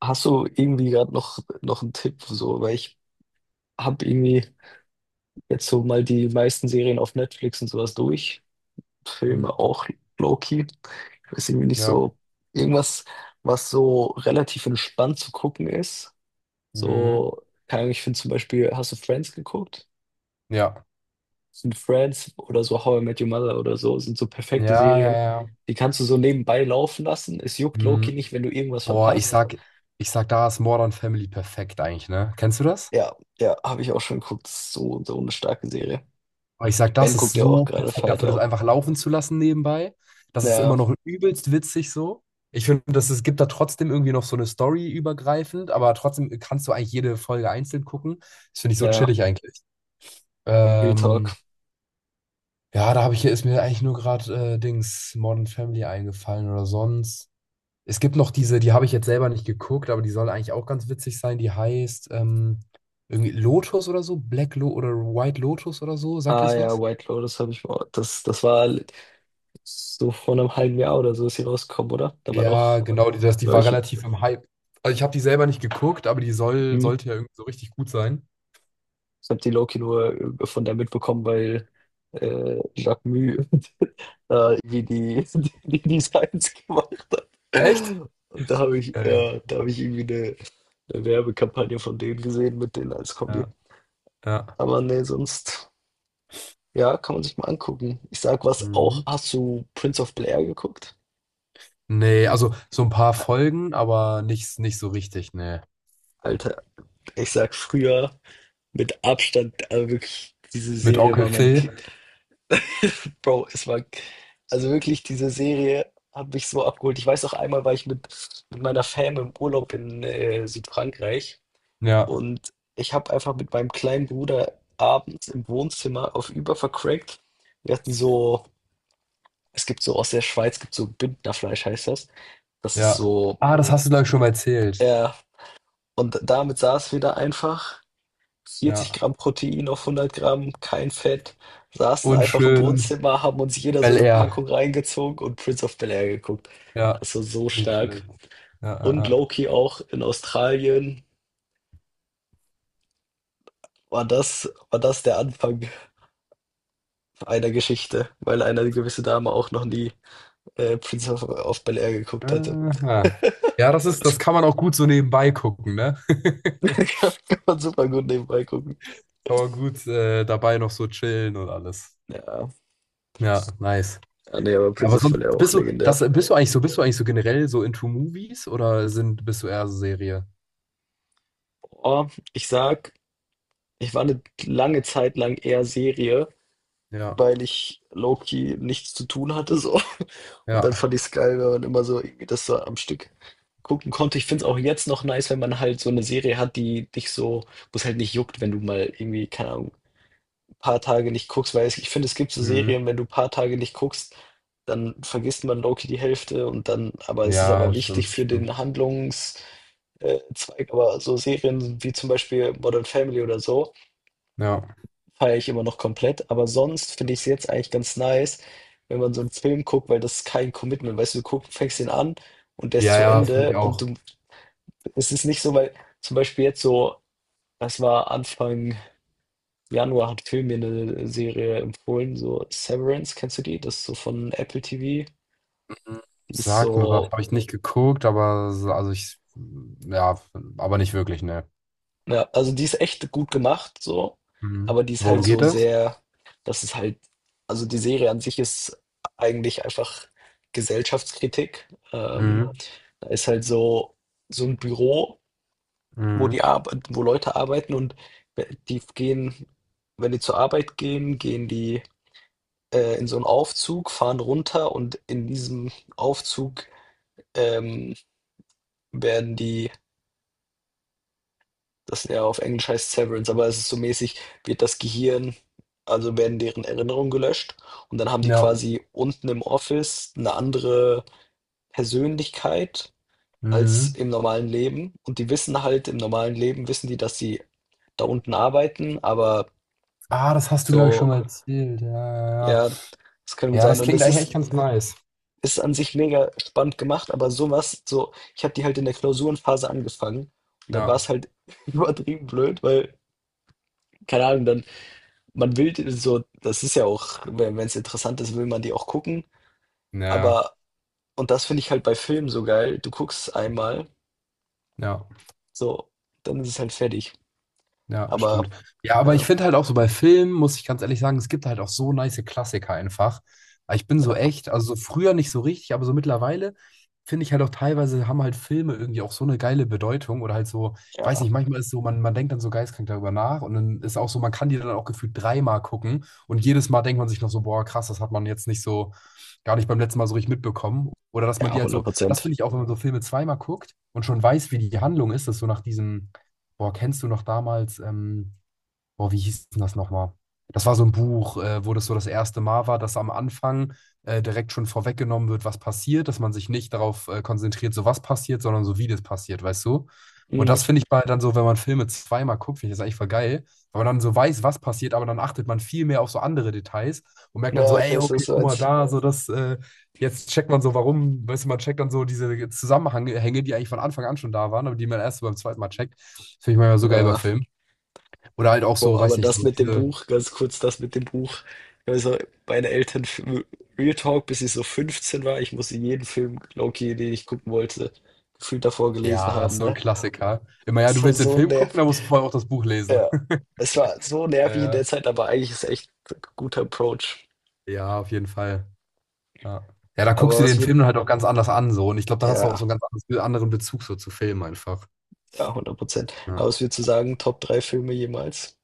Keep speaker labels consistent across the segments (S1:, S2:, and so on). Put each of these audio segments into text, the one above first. S1: Hast du irgendwie gerade noch einen Tipp, so, weil ich habe irgendwie jetzt so mal die meisten Serien auf Netflix und sowas durch.
S2: Mhm.
S1: Filme auch low-key. Ich weiß irgendwie nicht
S2: Ja.
S1: so, irgendwas, was so relativ entspannt zu gucken ist.
S2: Mhm.
S1: So, keine Ahnung, ich finde zum Beispiel, hast du Friends geguckt?
S2: Ja.
S1: Sind Friends oder so How I Met Your Mother oder so, sind so perfekte
S2: Ja, ja,
S1: Serien.
S2: ja.
S1: Die kannst du so nebenbei laufen lassen. Es juckt low-key
S2: Mhm.
S1: nicht, wenn du irgendwas
S2: Boah, ich
S1: verpasst.
S2: sag, ich sag, da ist Modern Family perfekt eigentlich, ne? Kennst du das?
S1: Ja, ja, habe ich auch schon geguckt. So, so eine starke Serie.
S2: Aber ich sag,
S1: Ben
S2: das ist
S1: guckt ja auch
S2: so
S1: gerade
S2: perfekt
S1: Fight
S2: dafür, das
S1: auch.
S2: einfach laufen zu lassen nebenbei. Das ist
S1: Ja,
S2: immer noch übelst witzig so. Ich finde, dass es gibt da trotzdem irgendwie noch so eine Story übergreifend, aber trotzdem kannst du eigentlich jede Folge einzeln gucken. Das finde ich so
S1: ja,
S2: chillig eigentlich.
S1: Real
S2: Ähm,
S1: Talk.
S2: ja, da habe ich hier ist mir eigentlich nur gerade Dings Modern Family eingefallen oder sonst. Es gibt noch diese, die habe ich jetzt selber nicht geguckt, aber die soll eigentlich auch ganz witzig sein. Die heißt irgendwie Lotus oder so, Black Lo oder White Lotus oder so. Sagt ihr
S1: Ah
S2: das
S1: ja,
S2: was?
S1: White Lotus habe ich mal. Das war so vor einem halben Jahr oder so ist sie rausgekommen, oder? Da war
S2: Ja,
S1: doch,
S2: genau, die, das, die
S1: glaub
S2: war
S1: ich,
S2: relativ im Hype. Also ich habe die selber nicht geguckt, aber die soll,
S1: hm,
S2: sollte ja irgendwie so richtig gut sein.
S1: ich habe die Loki nur von der mitbekommen, weil Jacques Mü da irgendwie die, die, die Designs gemacht.
S2: Echt?
S1: Und da habe ich,
S2: Geil.
S1: ja, da habe ich irgendwie eine Werbekampagne von denen gesehen mit denen als Kombi.
S2: Ja, ja.
S1: Aber nee, sonst. Ja, kann man sich mal angucken. Ich sag was auch.
S2: Mhm.
S1: Hast du Prince of Blair geguckt?
S2: Nee, also so ein paar
S1: A-
S2: Folgen, aber nicht so richtig, nee.
S1: Alter, ich sag früher mit Abstand, also wirklich, diese
S2: Mit
S1: Serie
S2: Onkel
S1: war meine Kind.
S2: Phil.
S1: Bro, es war, also wirklich, diese Serie hat mich so abgeholt. Ich weiß auch einmal, war ich mit meiner Fam im Urlaub in Südfrankreich
S2: Ja,
S1: und ich habe einfach mit meinem kleinen Bruder abends im Wohnzimmer auf Über vercrackt. Wir hatten so, es gibt so aus der Schweiz, gibt so Bündnerfleisch, heißt das. Das ist
S2: ja.
S1: so.
S2: Ah, das hast du, glaube ich, schon mal erzählt.
S1: Ja, und damit saß wieder einfach, 40
S2: Ja.
S1: Gramm Protein auf 100 Gramm, kein Fett, saßen
S2: Und
S1: einfach im
S2: schön
S1: Wohnzimmer, haben uns jeder so
S2: Bel
S1: eine
S2: Air.
S1: Packung reingezogen und Prince of Bel-Air geguckt.
S2: Ja,
S1: Also so
S2: nicht
S1: stark.
S2: schlecht. Ja, ja,
S1: Und
S2: ja.
S1: Loki auch in Australien war das der Anfang einer Geschichte, weil eine gewisse Dame auch noch nie Prince of Bel-Air geguckt hatte.
S2: Aha. Ja, das ist, das kann man auch gut so nebenbei gucken, ne?
S1: Kann man super gut nebenbei gucken.
S2: Kann man gut dabei noch so chillen und alles.
S1: Ja,
S2: Ja, nice.
S1: ah, nee, aber
S2: Ja,
S1: Prince
S2: aber
S1: of
S2: sonst
S1: Bel-Air auch
S2: bist du,
S1: legendär.
S2: das bist du eigentlich so, bist du eigentlich so generell so into Movies oder sind, bist du eher so Serie?
S1: Oh, ich sag, ich war eine lange Zeit lang eher Serie,
S2: Ja,
S1: weil ich low-key nichts zu tun hatte so. Und
S2: ja.
S1: dann fand ich es geil, wenn man immer so irgendwie das so am Stück gucken konnte. Ich finde es auch jetzt noch nice, wenn man halt so eine Serie hat, die dich so, wo es halt nicht juckt, wenn du mal irgendwie, keine Ahnung, ein paar Tage nicht guckst, weil es, ich finde, es gibt so
S2: Mhm.
S1: Serien, wenn du ein paar Tage nicht guckst, dann vergisst man low-key die Hälfte und dann, aber es ist
S2: Ja,
S1: aber
S2: stimmt,
S1: wichtig für
S2: stimmt.
S1: den Handlungs Zweig, aber so Serien wie zum Beispiel Modern Family oder so,
S2: Ja.
S1: feiere ich immer noch komplett. Aber sonst finde ich es jetzt eigentlich ganz nice, wenn man so einen Film guckt, weil das ist kein Commitment. Weißt du, du guck, fängst den an und der ist
S2: Ja,
S1: zu
S2: ja, das finde
S1: Ende
S2: ich
S1: und
S2: auch.
S1: du, es ist nicht so, weil zum Beispiel jetzt so, das war Anfang Januar, hat Phil mir eine Serie empfohlen, so Severance, kennst du die? Das ist so von Apple TV. Die ist
S2: Sagt mir
S1: so
S2: was, habe ich nicht geguckt, aber so- also ich, ja, aber nicht wirklich, ne?
S1: ja, also die ist echt gut gemacht, so, aber
S2: Mhm.
S1: die ist halt
S2: Worum
S1: so
S2: geht es?
S1: sehr, das ist halt, also die Serie an sich ist eigentlich einfach Gesellschaftskritik. Ähm,
S2: Mhm.
S1: da ist halt so, so ein Büro, wo
S2: Mhm.
S1: die Arbeit, wo Leute arbeiten und die gehen, wenn die zur Arbeit gehen, gehen die in so einen Aufzug, fahren runter und in diesem Aufzug ähm, werden die das ja, auf Englisch heißt Severance, aber es ist so mäßig, wird das Gehirn, also werden deren Erinnerungen gelöscht und dann haben die
S2: Ja.
S1: quasi unten im Office eine andere Persönlichkeit als
S2: Mhm.
S1: im normalen Leben. Und die wissen halt, im normalen Leben wissen die, dass sie da unten arbeiten, aber
S2: Ah, das hast du, glaube ich,
S1: so,
S2: schon mal erzählt. Ja, ja, ja.
S1: ja, das kann gut
S2: Ja,
S1: sein.
S2: das
S1: Und
S2: klingt
S1: es
S2: eigentlich echt
S1: ist,
S2: ganz nice.
S1: ist an sich mega spannend gemacht, aber sowas, so, ich habe die halt in der Klausurenphase angefangen und dann war es
S2: Ja.
S1: halt übertrieben blöd, weil, keine Ahnung, dann. Man will d so das ist ja auch, wenn es interessant ist, will man die auch gucken,
S2: Naja.
S1: aber und das finde ich halt bei Filmen so geil, du guckst einmal,
S2: Ja. Ja.
S1: so, dann ist es halt fertig.
S2: Ja,
S1: Aber
S2: stimmt. Ja, aber
S1: ja,
S2: ich finde halt auch so bei Filmen, muss ich ganz ehrlich sagen, es gibt halt auch so nice Klassiker einfach. Aber ich bin so
S1: ja,
S2: echt, also so früher nicht so richtig, aber so mittlerweile finde ich halt auch teilweise haben halt Filme irgendwie auch so eine geile Bedeutung oder halt so, ich weiß
S1: ja,
S2: nicht, manchmal ist so, man denkt dann so geistkrank darüber nach und dann ist auch so, man kann die dann auch gefühlt dreimal gucken und jedes Mal denkt man sich noch so, boah, krass, das hat man jetzt nicht so, gar nicht beim letzten Mal so richtig mitbekommen. Oder dass man die
S1: ja,
S2: halt
S1: hundert
S2: so, das
S1: Prozent.
S2: finde ich auch, wenn man so Filme zweimal guckt und schon weiß, wie die Handlung ist, dass so nach diesem. Boah, kennst du noch damals boah, wie hieß denn das nochmal? Das war so ein Buch, wo das so das erste Mal war, dass am Anfang direkt schon vorweggenommen wird, was passiert, dass man sich nicht darauf konzentriert, so was passiert, sondern so wie das passiert, weißt du? Und das
S1: Mhm.
S2: finde ich bei dann so, wenn man Filme zweimal guckt, finde ich das eigentlich voll geil, weil man dann so weiß, was passiert, aber dann achtet man viel mehr auf so andere Details und merkt dann so,
S1: Ja, ich
S2: ey,
S1: weiß, was
S2: okay,
S1: du
S2: guck mal
S1: meinst.
S2: da, so das, jetzt checkt man so, warum, weißt du, man checkt dann so diese Zusammenhänge, die eigentlich von Anfang an schon da waren, aber die man erst so beim zweiten Mal checkt. Finde ich manchmal so geil bei
S1: Ja,
S2: Filmen. Oder halt auch so,
S1: boah,
S2: weiß
S1: aber
S2: nicht,
S1: das
S2: so
S1: mit dem
S2: diese,
S1: Buch, ganz kurz das mit dem Buch. Also, meine Eltern f Real Talk, bis ich so 15 war, ich musste jeden Film, low den ich gucken wollte, gefühlt davor gelesen
S2: ja,
S1: haben,
S2: so ein
S1: ne?
S2: Klassiker. Immer, ja,
S1: Das
S2: du
S1: war
S2: willst den
S1: so
S2: Film gucken,
S1: nervig.
S2: da musst du vorher auch das Buch lesen.
S1: Ja, es war so
S2: Ja,
S1: nervig in der
S2: ja.
S1: Zeit, aber eigentlich ist es echt ein guter Approach.
S2: Ja, auf jeden Fall. Ja. Ja, da guckst
S1: Aber
S2: du
S1: es
S2: den
S1: wird,
S2: Film dann halt auch ganz anders an, so. Und ich glaube, dann hast du auch
S1: ja,
S2: so einen anderen Bezug so zu Filmen einfach.
S1: ja, hundert Prozent.
S2: Ja.
S1: Aber es wird zu sagen, Top 3 Filme jemals.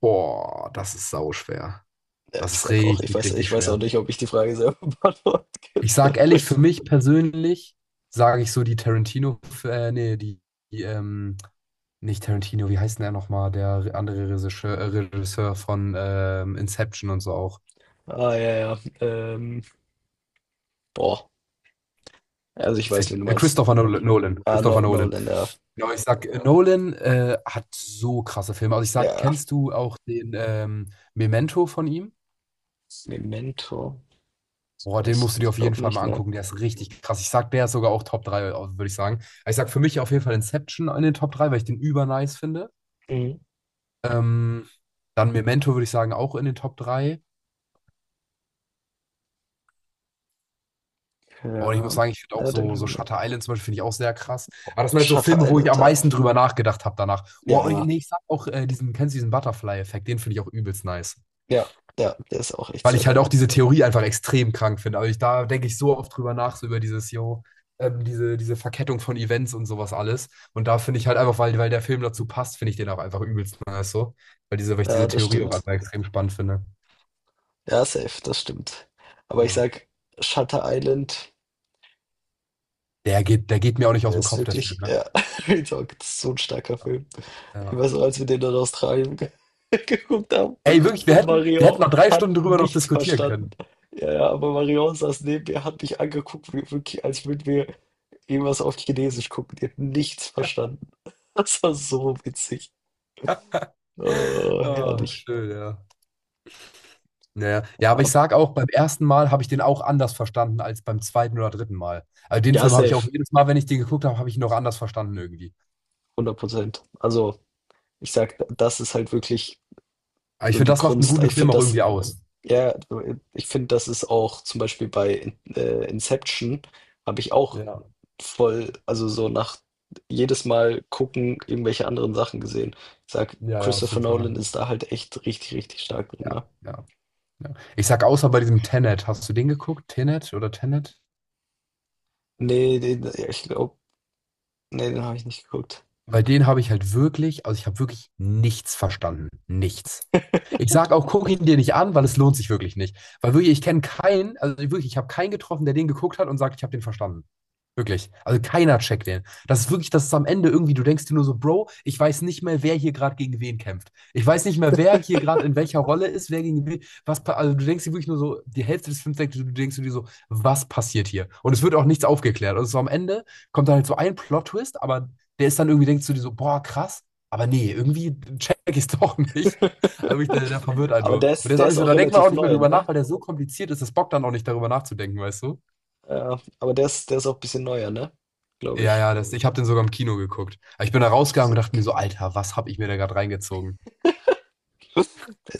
S2: Boah, das ist sauschwer.
S1: Ja,
S2: Das
S1: ich
S2: ist
S1: sag auch,
S2: richtig, richtig
S1: ich weiß auch
S2: schwer.
S1: nicht, ob ich die Frage selber beantworten
S2: Ich
S1: könnte.
S2: sag ehrlich, für mich persönlich sage ich so die Tarantino, nee, die nicht Tarantino, wie heißt denn er nochmal? Der andere Regisseur, Regisseur von Inception und so auch.
S1: Ah, ja, ja. Boah, also ich weiß, wen du meinst.
S2: Nolan.
S1: Ah,
S2: Christopher
S1: no,
S2: Nolan.
S1: Nolan, ja.
S2: Genau, ich sag, Nolan hat so krasse Filme. Also ich
S1: Ja,
S2: sag,
S1: ja.
S2: kennst du auch den Memento von ihm?
S1: Memento. Ich
S2: Boah, den
S1: weiß,
S2: musst du dir
S1: ich
S2: auf jeden
S1: glaube
S2: Fall
S1: nicht,
S2: mal
S1: ne?
S2: angucken. Der ist richtig krass. Ich sag, der ist sogar auch Top 3, würde ich sagen. Ich sag für mich auf jeden Fall Inception in den Top 3, weil ich den über nice finde.
S1: Mhm.
S2: Ähm, dann Memento würde ich sagen auch in den Top 3. Und ich muss
S1: Ja,
S2: sagen, ich finde auch
S1: ja, den
S2: so,
S1: haben
S2: so
S1: wir nicht.
S2: Shutter Island zum Beispiel finde ich auch sehr krass.
S1: Oh,
S2: Aber das sind halt so
S1: Shutter
S2: Filme, wo ich
S1: Island,
S2: am
S1: ja.
S2: meisten drüber nachgedacht habe danach. Oh, und ich-
S1: Ja,
S2: nee, ich sag auch diesen, kennst du diesen Butterfly-Effekt? Den finde ich auch übelst nice.
S1: ja, ja, der ist auch echt
S2: Weil
S1: sehr
S2: ich halt
S1: geil.
S2: auch diese Theorie einfach extrem krank finde. Also ich, da denke ich so oft drüber nach, so über dieses, yo, diese Verkettung von Events und sowas alles. Und da finde ich halt einfach, weil der Film dazu passt, finde ich den auch einfach übelst nice so. Weil ich diese
S1: Ja, das
S2: Theorie auch
S1: stimmt.
S2: einfach extrem spannend finde.
S1: Ja, safe, das stimmt. Aber ich
S2: Ja.
S1: sag, Shutter Island
S2: Der geht mir auch nicht aus dem
S1: ist
S2: Kopf, der Film,
S1: wirklich,
S2: ne?
S1: ja, ich sag, das ist so ein starker Film. Ich
S2: Ja.
S1: weiß noch, als wir den in Australien geguckt haben
S2: Ey, wirklich, wir
S1: und
S2: hätten, wir
S1: Marion
S2: hätten noch drei
S1: hat
S2: Stunden drüber noch
S1: nichts
S2: diskutieren
S1: verstanden.
S2: können.
S1: Ja, ja, aber Marion saß neben mir, hat mich angeguckt, wie, wirklich, als würden wir irgendwas auf Chinesisch gucken. Die hat nichts
S2: Ja.
S1: verstanden. Das war so witzig. Oh,
S2: Oh,
S1: herrlich.
S2: schön, ja. Naja. Ja, ja, aber ich
S1: Ja,
S2: sag auch, beim ersten Mal habe ich den auch anders verstanden als beim zweiten oder dritten Mal. Also den
S1: ja,
S2: Film habe ich auch
S1: safe,
S2: jedes Mal, wenn ich den geguckt habe, habe ich ihn noch anders verstanden irgendwie.
S1: hundert Prozent. Also, ich sag, das ist halt wirklich
S2: Aber ich
S1: so
S2: finde,
S1: die
S2: das macht einen
S1: Kunst.
S2: guten
S1: Ich
S2: Film
S1: finde
S2: auch
S1: das.
S2: irgendwie aus.
S1: Ja, du, ich finde, das ist auch zum Beispiel bei Inception, habe ich auch
S2: Ja,
S1: voll, also so nach jedes Mal gucken, irgendwelche anderen Sachen gesehen. Ich sag,
S2: ja, ja, auf
S1: Christopher
S2: jeden Fall.
S1: Nolan ist da halt echt richtig, richtig stark drin,
S2: Ja,
S1: ne?
S2: ja, ja. Ich sag, außer bei diesem Tenet, hast du den geguckt? Tenet oder Tenet?
S1: Nee, den, ja, ich glaube, nee, den habe ich nicht geguckt.
S2: Bei denen habe ich halt wirklich, also ich habe wirklich nichts verstanden. Nichts. Ich sag auch, guck ihn dir nicht an, weil es lohnt sich wirklich nicht. Weil wirklich, ich kenne keinen, also wirklich, ich habe keinen getroffen, der den geguckt hat und sagt, ich habe den verstanden. Wirklich. Also keiner checkt den. Das ist wirklich, das ist am Ende irgendwie, du denkst dir nur so, Bro, ich weiß nicht mehr, wer hier gerade gegen wen kämpft. Ich weiß nicht mehr, wer hier gerade in welcher Rolle ist, wer gegen wen. Also du denkst dir wirklich nur so, die Hälfte des Films denkst du, du denkst dir so, was passiert hier? Und es wird auch nichts aufgeklärt. Also so am Ende kommt dann halt so ein Plot-Twist, aber der ist dann irgendwie, denkst du dir so, boah, krass, aber nee, irgendwie check ich es doch nicht. Also ich, der verwirrt einen
S1: Aber
S2: nur. Und der ist
S1: der
S2: auch
S1: ist
S2: nicht so,
S1: auch
S2: da denkt man
S1: relativ
S2: auch nicht mehr
S1: neu,
S2: drüber nach,
S1: ne?
S2: weil der so kompliziert ist, das bockt dann auch nicht darüber nachzudenken, weißt du?
S1: Ja, aber der ist auch ein bisschen neuer, ne? Glaube
S2: Ja,
S1: ich.
S2: ja, das, ich habe den sogar im Kino geguckt. Aber ich bin da rausgegangen und dachte mir so, Alter, was habe ich mir da gerade reingezogen?
S1: Der